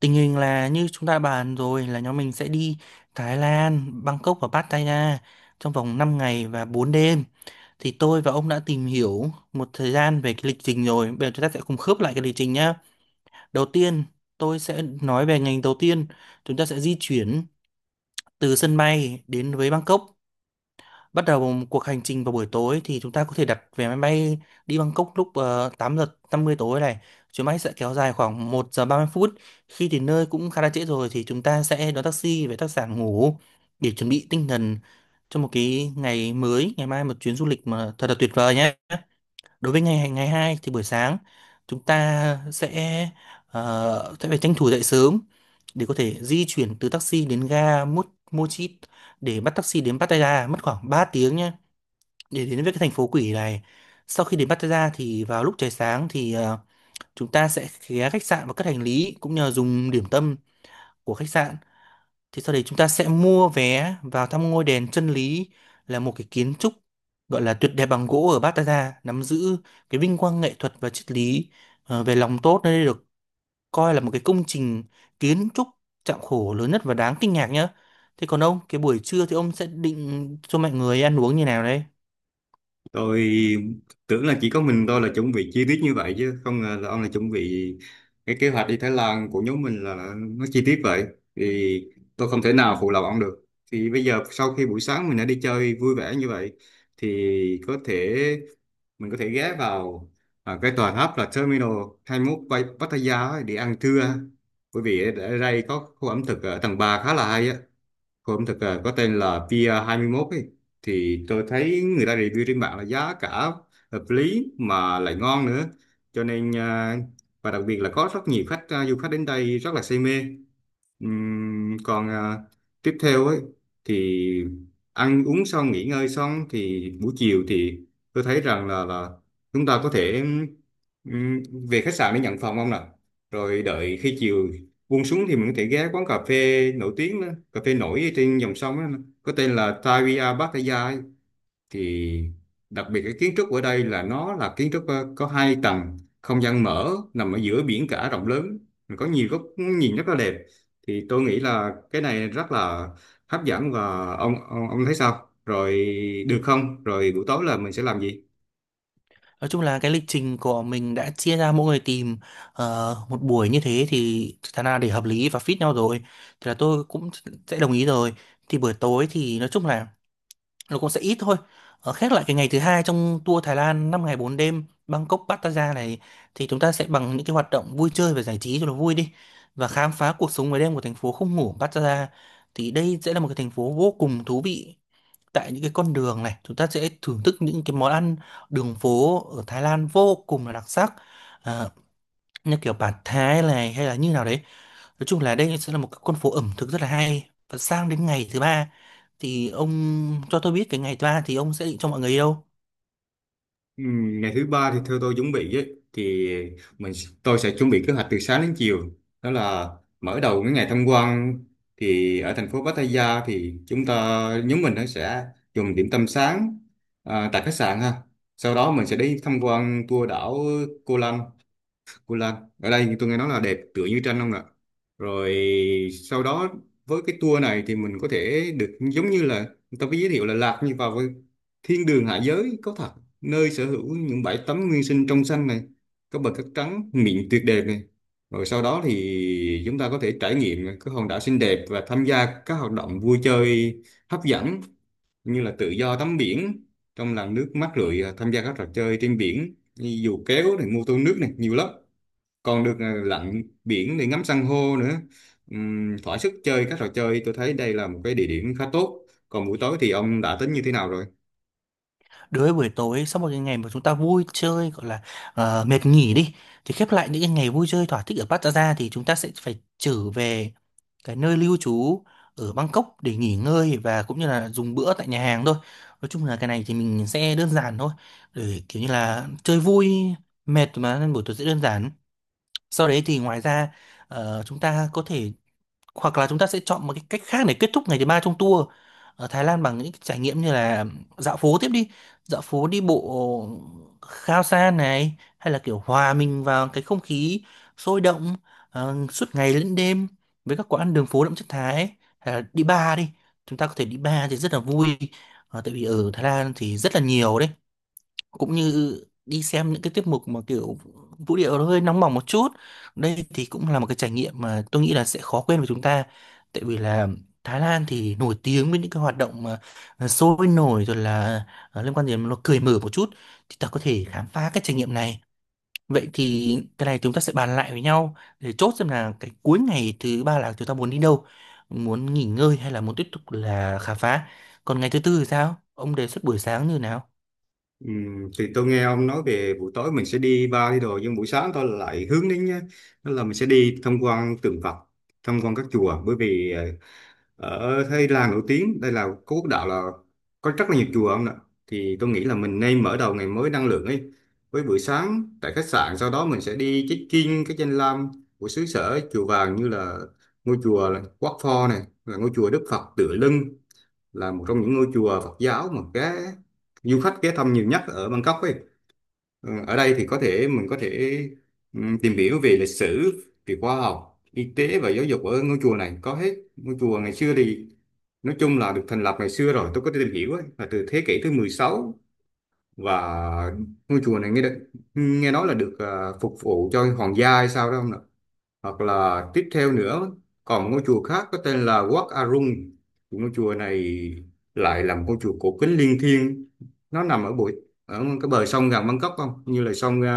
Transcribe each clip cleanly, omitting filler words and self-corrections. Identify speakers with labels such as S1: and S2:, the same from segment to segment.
S1: Tình hình là như chúng ta bàn rồi là nhóm mình sẽ đi Thái Lan, Bangkok và Pattaya trong vòng 5 ngày và 4 đêm. Thì tôi và ông đã tìm hiểu một thời gian về cái lịch trình rồi. Bây giờ chúng ta sẽ cùng khớp lại cái lịch trình nhá. Đầu tiên, tôi sẽ nói về ngành đầu tiên. Chúng ta sẽ di chuyển từ sân bay đến với Bangkok, bắt đầu một cuộc hành trình vào buổi tối. Thì chúng ta có thể đặt vé máy bay đi Bangkok lúc 8 giờ 50 tối này. Chuyến bay sẽ kéo dài khoảng 1 giờ 30 phút. Khi đến nơi cũng khá là trễ rồi thì chúng ta sẽ đón taxi về khách sạn ngủ để chuẩn bị tinh thần cho một cái ngày mới, ngày mai một chuyến du lịch mà thật là tuyệt vời nhé. Đối với ngày ngày 2 thì buổi sáng chúng ta sẽ sẽ phải tranh thủ dậy sớm để có thể di chuyển từ taxi đến ga Mochit để bắt taxi đến Pattaya, mất khoảng 3 tiếng nhé, để đến với cái thành phố quỷ này. Sau khi đến Pattaya thì vào lúc trời sáng thì chúng ta sẽ ghé khách sạn và cất hành lý cũng như là dùng điểm tâm của khách sạn. Thì sau đấy chúng ta sẽ mua vé vào thăm ngôi đền chân lý, là một cái kiến trúc gọi là tuyệt đẹp bằng gỗ ở Pattaya, nắm giữ cái vinh quang nghệ thuật và triết lý, về lòng tốt. Nơi đây được coi là một cái công trình kiến trúc chạm khổ lớn nhất và đáng kinh ngạc nhá. Thế còn ông, cái buổi trưa thì ông sẽ định cho mọi người ăn uống như nào đấy?
S2: Tôi tưởng là chỉ có mình tôi là chuẩn bị chi tiết như vậy, chứ không ngờ là ông là chuẩn bị cái kế hoạch đi Thái Lan của nhóm mình là nó chi tiết vậy. Thì tôi không thể nào phụ lòng ông được. Thì bây giờ, sau khi buổi sáng mình đã đi chơi vui vẻ như vậy, thì có thể mình có thể ghé vào cái tòa tháp là Terminal 21 Pattaya ấy để ăn trưa, bởi vì ở ở đây có khu ẩm thực ở tầng 3 khá là hay á. Cô ẩm thực có tên là Pier 21 ấy. Thì tôi thấy người ta review trên mạng là giá cả hợp lý mà lại ngon nữa. Cho nên và đặc biệt là có rất nhiều khách, du khách đến đây rất là say mê. Còn tiếp theo ấy thì ăn uống xong, nghỉ ngơi xong thì buổi chiều thì tôi thấy rằng là chúng ta có thể ừm, về khách sạn để nhận phòng không nào, rồi đợi khi chiều buông xuống thì mình có thể ghé quán cà phê nổi tiếng đó, cà phê nổi trên dòng sông đó, có tên là Tavia Pattaya ấy. Thì đặc biệt cái kiến trúc ở đây là nó là kiến trúc, có 2 tầng không gian mở, nằm ở giữa biển cả rộng lớn, có nhiều góc nhìn rất là đẹp. Thì tôi nghĩ là cái này rất là hấp dẫn, và ông thấy sao rồi, được không? Rồi buổi tối là mình sẽ làm gì?
S1: Nói chung là cái lịch trình của mình đã chia ra mỗi người tìm một buổi như thế, thì thật ra để hợp lý và fit nhau rồi thì là tôi cũng sẽ đồng ý rồi. Thì buổi tối thì nói chung là nó cũng sẽ ít thôi. Khép lại cái ngày thứ hai trong tour Thái Lan 5 ngày 4 đêm Bangkok Pattaya này thì chúng ta sẽ bằng những cái hoạt động vui chơi và giải trí cho nó vui đi, và khám phá cuộc sống ngoài đêm của thành phố không ngủ Pattaya. Thì đây sẽ là một cái thành phố vô cùng thú vị. Tại những cái con đường này chúng ta sẽ thưởng thức những cái món ăn đường phố ở Thái Lan vô cùng là đặc sắc, à, như kiểu bản Thái này hay là như nào đấy. Nói chung là đây sẽ là một cái con phố ẩm thực rất là hay. Và sang đến ngày thứ ba thì ông cho tôi biết cái ngày thứ ba thì ông sẽ định cho mọi người đi đâu?
S2: Ừ, ngày thứ ba thì theo tôi chuẩn bị ấy, thì mình tôi sẽ chuẩn bị kế hoạch từ sáng đến chiều. Đó là mở đầu cái ngày tham quan thì ở thành phố Pattaya thì chúng ta nhóm mình nó sẽ dùng điểm tâm sáng tại khách sạn ha. Sau đó mình sẽ đi tham quan tour đảo Koh Lanta, Cô Lan. Ở đây thì tôi nghe nói là đẹp tựa như tranh không ạ. Rồi sau đó, với cái tour này thì mình có thể được giống như là người ta có giới thiệu là lạc như vào với thiên đường hạ giới có thật, nơi sở hữu những bãi tắm nguyên sinh trong xanh này, có bờ cát trắng mịn tuyệt đẹp này. Rồi sau đó thì chúng ta có thể trải nghiệm các hòn đảo xinh đẹp và tham gia các hoạt động vui chơi hấp dẫn, như là tự do tắm biển trong làn nước mát rượi, tham gia các trò chơi trên biển như dù kéo này, mô tô nước này, nhiều lắm. Còn được lặn biển để ngắm san hô nữa. Thỏa sức chơi các trò chơi, tôi thấy đây là một cái địa điểm khá tốt. Còn buổi tối thì ông đã tính như thế nào rồi?
S1: Đối với buổi tối, sau một cái ngày mà chúng ta vui chơi gọi là mệt nghỉ đi, thì khép lại những cái ngày vui chơi thỏa thích ở Pattaya thì chúng ta sẽ phải trở về cái nơi lưu trú ở Bangkok để nghỉ ngơi và cũng như là dùng bữa tại nhà hàng thôi. Nói chung là cái này thì mình sẽ đơn giản thôi, để kiểu như là chơi vui mệt mà, nên buổi tối sẽ đơn giản. Sau đấy thì ngoài ra chúng ta có thể, hoặc là chúng ta sẽ chọn một cái cách khác để kết thúc ngày thứ ba trong tour ở Thái Lan bằng những cái trải nghiệm như là dạo phố tiếp đi, dạo phố đi bộ Khao San này, hay là kiểu hòa mình vào cái không khí sôi động suốt ngày lẫn đêm với các quán đường phố đậm chất Thái ấy. Hay là đi bar đi, chúng ta có thể đi bar thì rất là vui. Tại vì ở Thái Lan thì rất là nhiều đấy. Cũng như đi xem những cái tiết mục mà kiểu vũ điệu nó hơi nóng bỏng một chút, đây thì cũng là một cái trải nghiệm mà tôi nghĩ là sẽ khó quên với chúng ta. Tại vì là Thái Lan thì nổi tiếng với những cái hoạt động mà sôi nổi, rồi là liên quan đến nó cởi mở một chút, thì ta có thể khám phá cái trải nghiệm này. Vậy thì cái này chúng ta sẽ bàn lại với nhau để chốt xem là cái cuối ngày thứ ba là chúng ta muốn đi đâu, muốn nghỉ ngơi hay là muốn tiếp tục là khám phá. Còn ngày thứ tư thì sao, ông đề xuất buổi sáng như nào?
S2: Thì tôi nghe ông nói về buổi tối mình sẽ đi bar đi đồ, nhưng buổi sáng tôi lại hướng đến nhá, đó là mình sẽ đi tham quan tượng Phật, tham quan các chùa. Bởi vì ở Thái Lan nổi tiếng, đây là có quốc đạo, là có rất là nhiều chùa ông ạ. Thì tôi nghĩ là mình nên mở đầu ngày mới năng lượng ấy. Với buổi sáng tại khách sạn, sau đó mình sẽ đi check-in cái danh lam của xứ sở chùa vàng, như là ngôi chùa là Wat Pho này, là ngôi chùa Đức Phật Tựa Lưng, là một trong những ngôi chùa Phật giáo mà cái du khách ghé thăm nhiều nhất ở Bangkok ấy. Ờ, ở đây thì có thể mình có thể tìm hiểu về lịch sử, về khoa học, y tế và giáo dục, ở ngôi chùa này có hết. Ngôi chùa ngày xưa thì nói chung là được thành lập ngày xưa rồi, tôi có tìm hiểu ấy, là từ thế kỷ thứ 16. Và ngôi chùa này nghe nói là được phục vụ cho hoàng gia hay sao đó không. Hoặc là tiếp theo nữa, còn ngôi chùa khác có tên là Wat Arun. Ngôi chùa này lại là một ngôi chùa cổ kính linh thiêng, nó nằm ở ở cái bờ sông gần Bangkok, không như là sông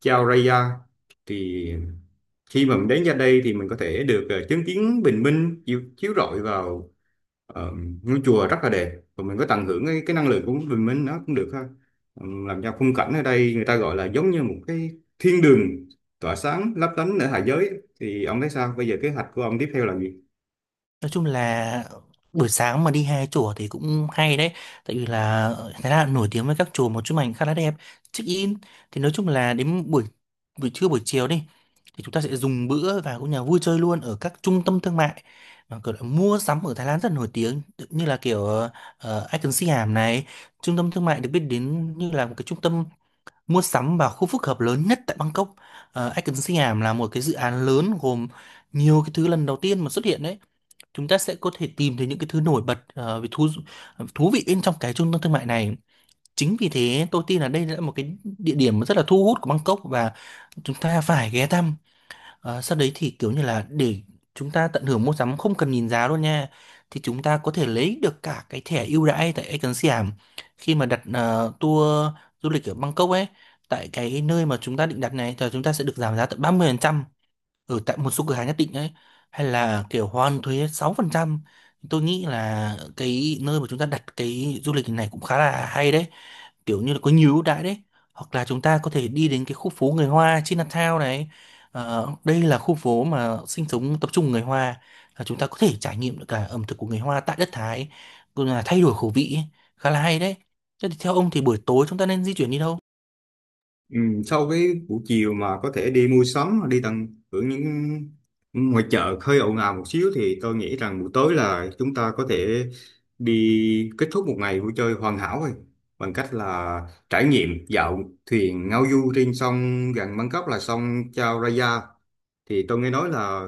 S2: Chao Phraya. Thì khi mà mình đến ra đây thì mình có thể được chứng kiến bình minh chiếu rọi vào. Ờ, ngôi chùa rất là đẹp và mình có tận hưởng cái năng lượng của mình nó cũng được ha. Ờ, làm cho khung cảnh ở đây người ta gọi là giống như một cái thiên đường tỏa sáng lấp lánh ở hạ giới. Thì ông thấy sao, bây giờ kế hoạch của ông tiếp theo là gì?
S1: Nói chung là buổi sáng mà đi hai chùa thì cũng hay đấy. Tại vì là Thái Lan nổi tiếng với các chùa, một chụp ảnh khá là đẹp, check in. Thì nói chung là đến buổi buổi trưa buổi chiều đi thì chúng ta sẽ dùng bữa và cũng nhà vui chơi luôn ở các trung tâm thương mại mà kiểu là mua sắm ở Thái Lan rất nổi tiếng, như là kiểu Icon Siam này, trung tâm thương mại được biết đến như là một cái trung tâm mua sắm và khu phức hợp lớn nhất tại Bangkok. Icon Siam là một cái dự án lớn gồm nhiều cái thứ lần đầu tiên mà xuất hiện đấy. Chúng ta sẽ có thể tìm thấy những cái thứ nổi bật ờ, về thú thú vị bên trong cái trung tâm thương mại này. Chính vì thế tôi tin là đây là một cái địa điểm rất là thu hút của Bangkok và chúng ta phải ghé thăm. Sau đấy thì kiểu như là để chúng ta tận hưởng mua sắm không cần nhìn giá luôn nha, thì chúng ta có thể lấy được cả cái thẻ ưu đãi tại Ecan Siam khi mà đặt tour du lịch ở Bangkok ấy. Tại cái nơi mà chúng ta định đặt này thì chúng ta sẽ được giảm giá tận 30% ở tại một số cửa hàng nhất định ấy, hay là kiểu hoàn thuế 6%. Tôi nghĩ là cái nơi mà chúng ta đặt cái du lịch này cũng khá là hay đấy, kiểu như là có nhiều ưu đãi đấy. Hoặc là chúng ta có thể đi đến cái khu phố người Hoa Chinatown này. Đây là khu phố mà sinh sống tập trung người Hoa, là chúng ta có thể trải nghiệm được cả ẩm thực của người Hoa tại đất Thái, cũng là thay đổi khẩu vị ấy. Khá là hay đấy. Thế thì theo ông thì buổi tối chúng ta nên di chuyển đi đâu?
S2: Ừ, sau cái buổi chiều mà có thể đi mua sắm hoặc đi tận hưởng những ngoài chợ hơi ồn ào một xíu, thì tôi nghĩ rằng buổi tối là chúng ta có thể đi kết thúc một ngày vui chơi hoàn hảo rồi, bằng cách là trải nghiệm dạo thuyền ngao du trên sông gần Bangkok là sông Chao Phraya. Thì tôi nghe nói là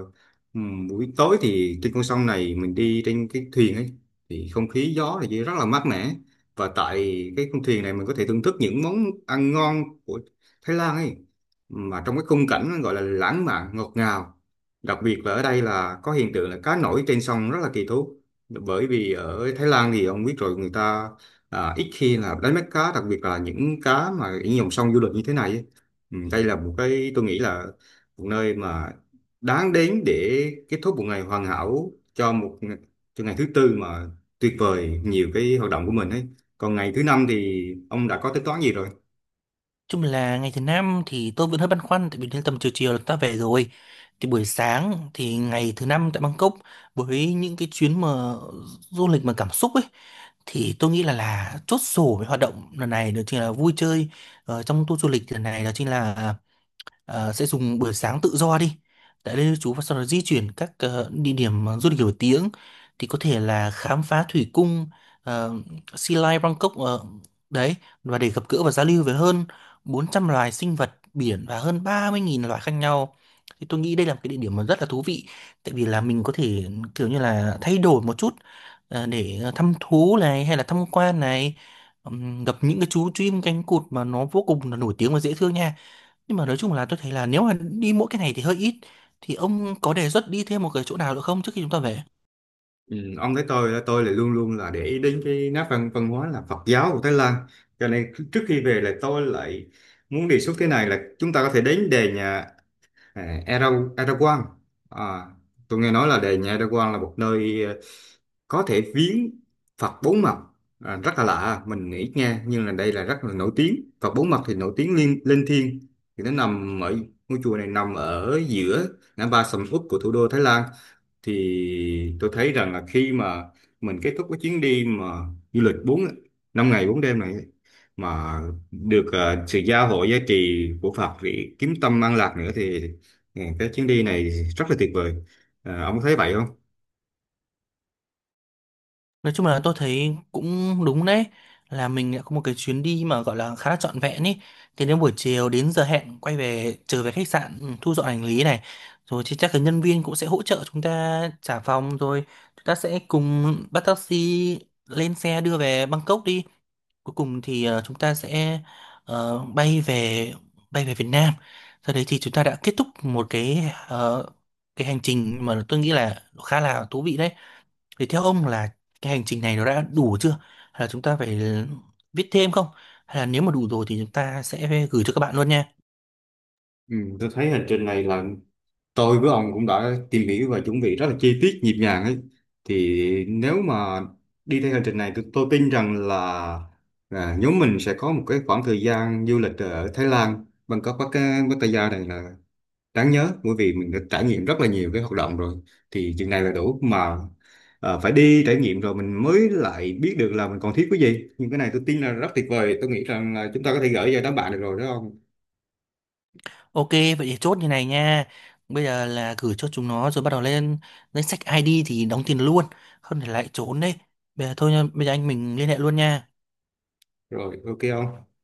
S2: buổi tối thì trên con sông này mình đi trên cái thuyền ấy thì không khí gió thì rất là mát mẻ. Và tại cái con thuyền này mình có thể thưởng thức những món ăn ngon của Thái Lan ấy, mà trong cái khung cảnh gọi là lãng mạn ngọt ngào. Đặc biệt là ở đây là có hiện tượng là cá nổi trên sông rất là kỳ thú, bởi vì ở Thái Lan thì ông biết rồi, người ta ít khi là đánh bắt cá, đặc biệt là những cá mà những dòng sông du lịch như thế này ấy. Ừ, đây là một cái tôi nghĩ là một nơi mà đáng đến để kết thúc một ngày hoàn hảo cho cho ngày thứ tư mà tuyệt vời, nhiều cái hoạt động của mình ấy. Còn ngày thứ năm thì ông đã có tính toán gì rồi?
S1: Chung là ngày thứ năm thì tôi vẫn hơi băn khoăn, tại vì đến tầm chiều chiều là ta về rồi. Thì buổi sáng thì ngày thứ năm tại Bangkok với những cái chuyến mà du lịch mà cảm xúc ấy, thì tôi nghĩ là chốt sổ với hoạt động lần này đó chính là vui chơi trong tour du lịch lần này. Đó chính là sẽ dùng buổi sáng tự do đi tại đây chú, và sau đó di chuyển các địa điểm du lịch nổi tiếng. Thì có thể là khám phá thủy cung ờ, Sea Lion Bangkok đấy, và để gặp gỡ và giao lưu với hơn 400 loài sinh vật biển và hơn 30.000 loài khác nhau. Thì tôi nghĩ đây là một cái địa điểm mà rất là thú vị, tại vì là mình có thể kiểu như là thay đổi một chút, để thăm thú này hay là tham quan này, gặp những cái chú chim cánh cụt mà nó vô cùng là nổi tiếng và dễ thương nha. Nhưng mà nói chung là tôi thấy là nếu mà đi mỗi cái này thì hơi ít, thì ông có đề xuất đi thêm một cái chỗ nào nữa không trước khi chúng ta về?
S2: Ừ, ông thấy tôi là luôn luôn là để ý đến cái nét văn văn hóa là Phật giáo của Thái Lan, cho nên trước khi về là tôi lại muốn đề xuất thế này, là chúng ta có thể đến đền nhà, à, Erdogan. À, tôi nghe nói là đền nhà Erdogan là một nơi có thể viếng Phật bốn mặt. À, rất là lạ mình nghĩ nghe, nhưng là đây là rất là nổi tiếng. Phật bốn mặt thì nổi tiếng liên linh thiêng. Thì nó nằm ở ngôi chùa này nằm ở giữa ngã ba sầm uất của thủ đô Thái Lan. Thì tôi thấy rằng là khi mà mình kết thúc cái chuyến đi mà du lịch 5 ngày 4 đêm này ấy, mà được sự gia hộ giá trị của Phật để kiếm tâm an lạc nữa, thì ừ, cái chuyến đi này rất là tuyệt vời. Ờ, ông có thấy vậy không?
S1: Nói chung là tôi thấy cũng đúng đấy, là mình đã có một cái chuyến đi mà gọi là khá là trọn vẹn ý. Thì đến buổi chiều đến giờ hẹn quay về, trở về khách sạn, thu dọn hành lý này, rồi thì chắc là nhân viên cũng sẽ hỗ trợ chúng ta trả phòng rồi. Chúng ta sẽ cùng bắt taxi lên xe đưa về Bangkok đi. Cuối cùng thì chúng ta sẽ ờ, bay về bay về Việt Nam. Sau đấy thì chúng ta đã kết thúc một cái cái hành trình mà tôi nghĩ là khá là thú vị đấy. Thì theo ông là cái hành trình này nó đã đủ chưa? Hay là chúng ta phải viết thêm không? Hay là nếu mà đủ rồi thì chúng ta sẽ gửi cho các bạn luôn nha.
S2: Ừ, tôi thấy hành trình này là tôi với ông cũng đã tìm hiểu và chuẩn bị rất là chi tiết nhịp nhàng ấy. Thì nếu mà đi theo hành trình này, tôi tin rằng là nhóm mình sẽ có một cái khoảng thời gian du lịch ở Thái Lan Bangkok Pattaya Pattaya này là đáng nhớ, bởi vì mình đã trải nghiệm rất là nhiều cái hoạt động rồi. Thì chừng này là đủ mà, phải đi trải nghiệm rồi mình mới lại biết được là mình còn thiếu cái gì. Nhưng cái này tôi tin là rất tuyệt vời, tôi nghĩ rằng là chúng ta có thể gửi cho đám bạn được rồi đó ông.
S1: Ok, vậy thì chốt như này nha. Bây giờ là gửi cho chúng nó rồi bắt đầu lên danh sách ID thì đóng tiền luôn. Không thì lại trốn đấy. Bây giờ thôi nha, bây giờ anh mình liên hệ luôn nha.
S2: Rồi, ok không?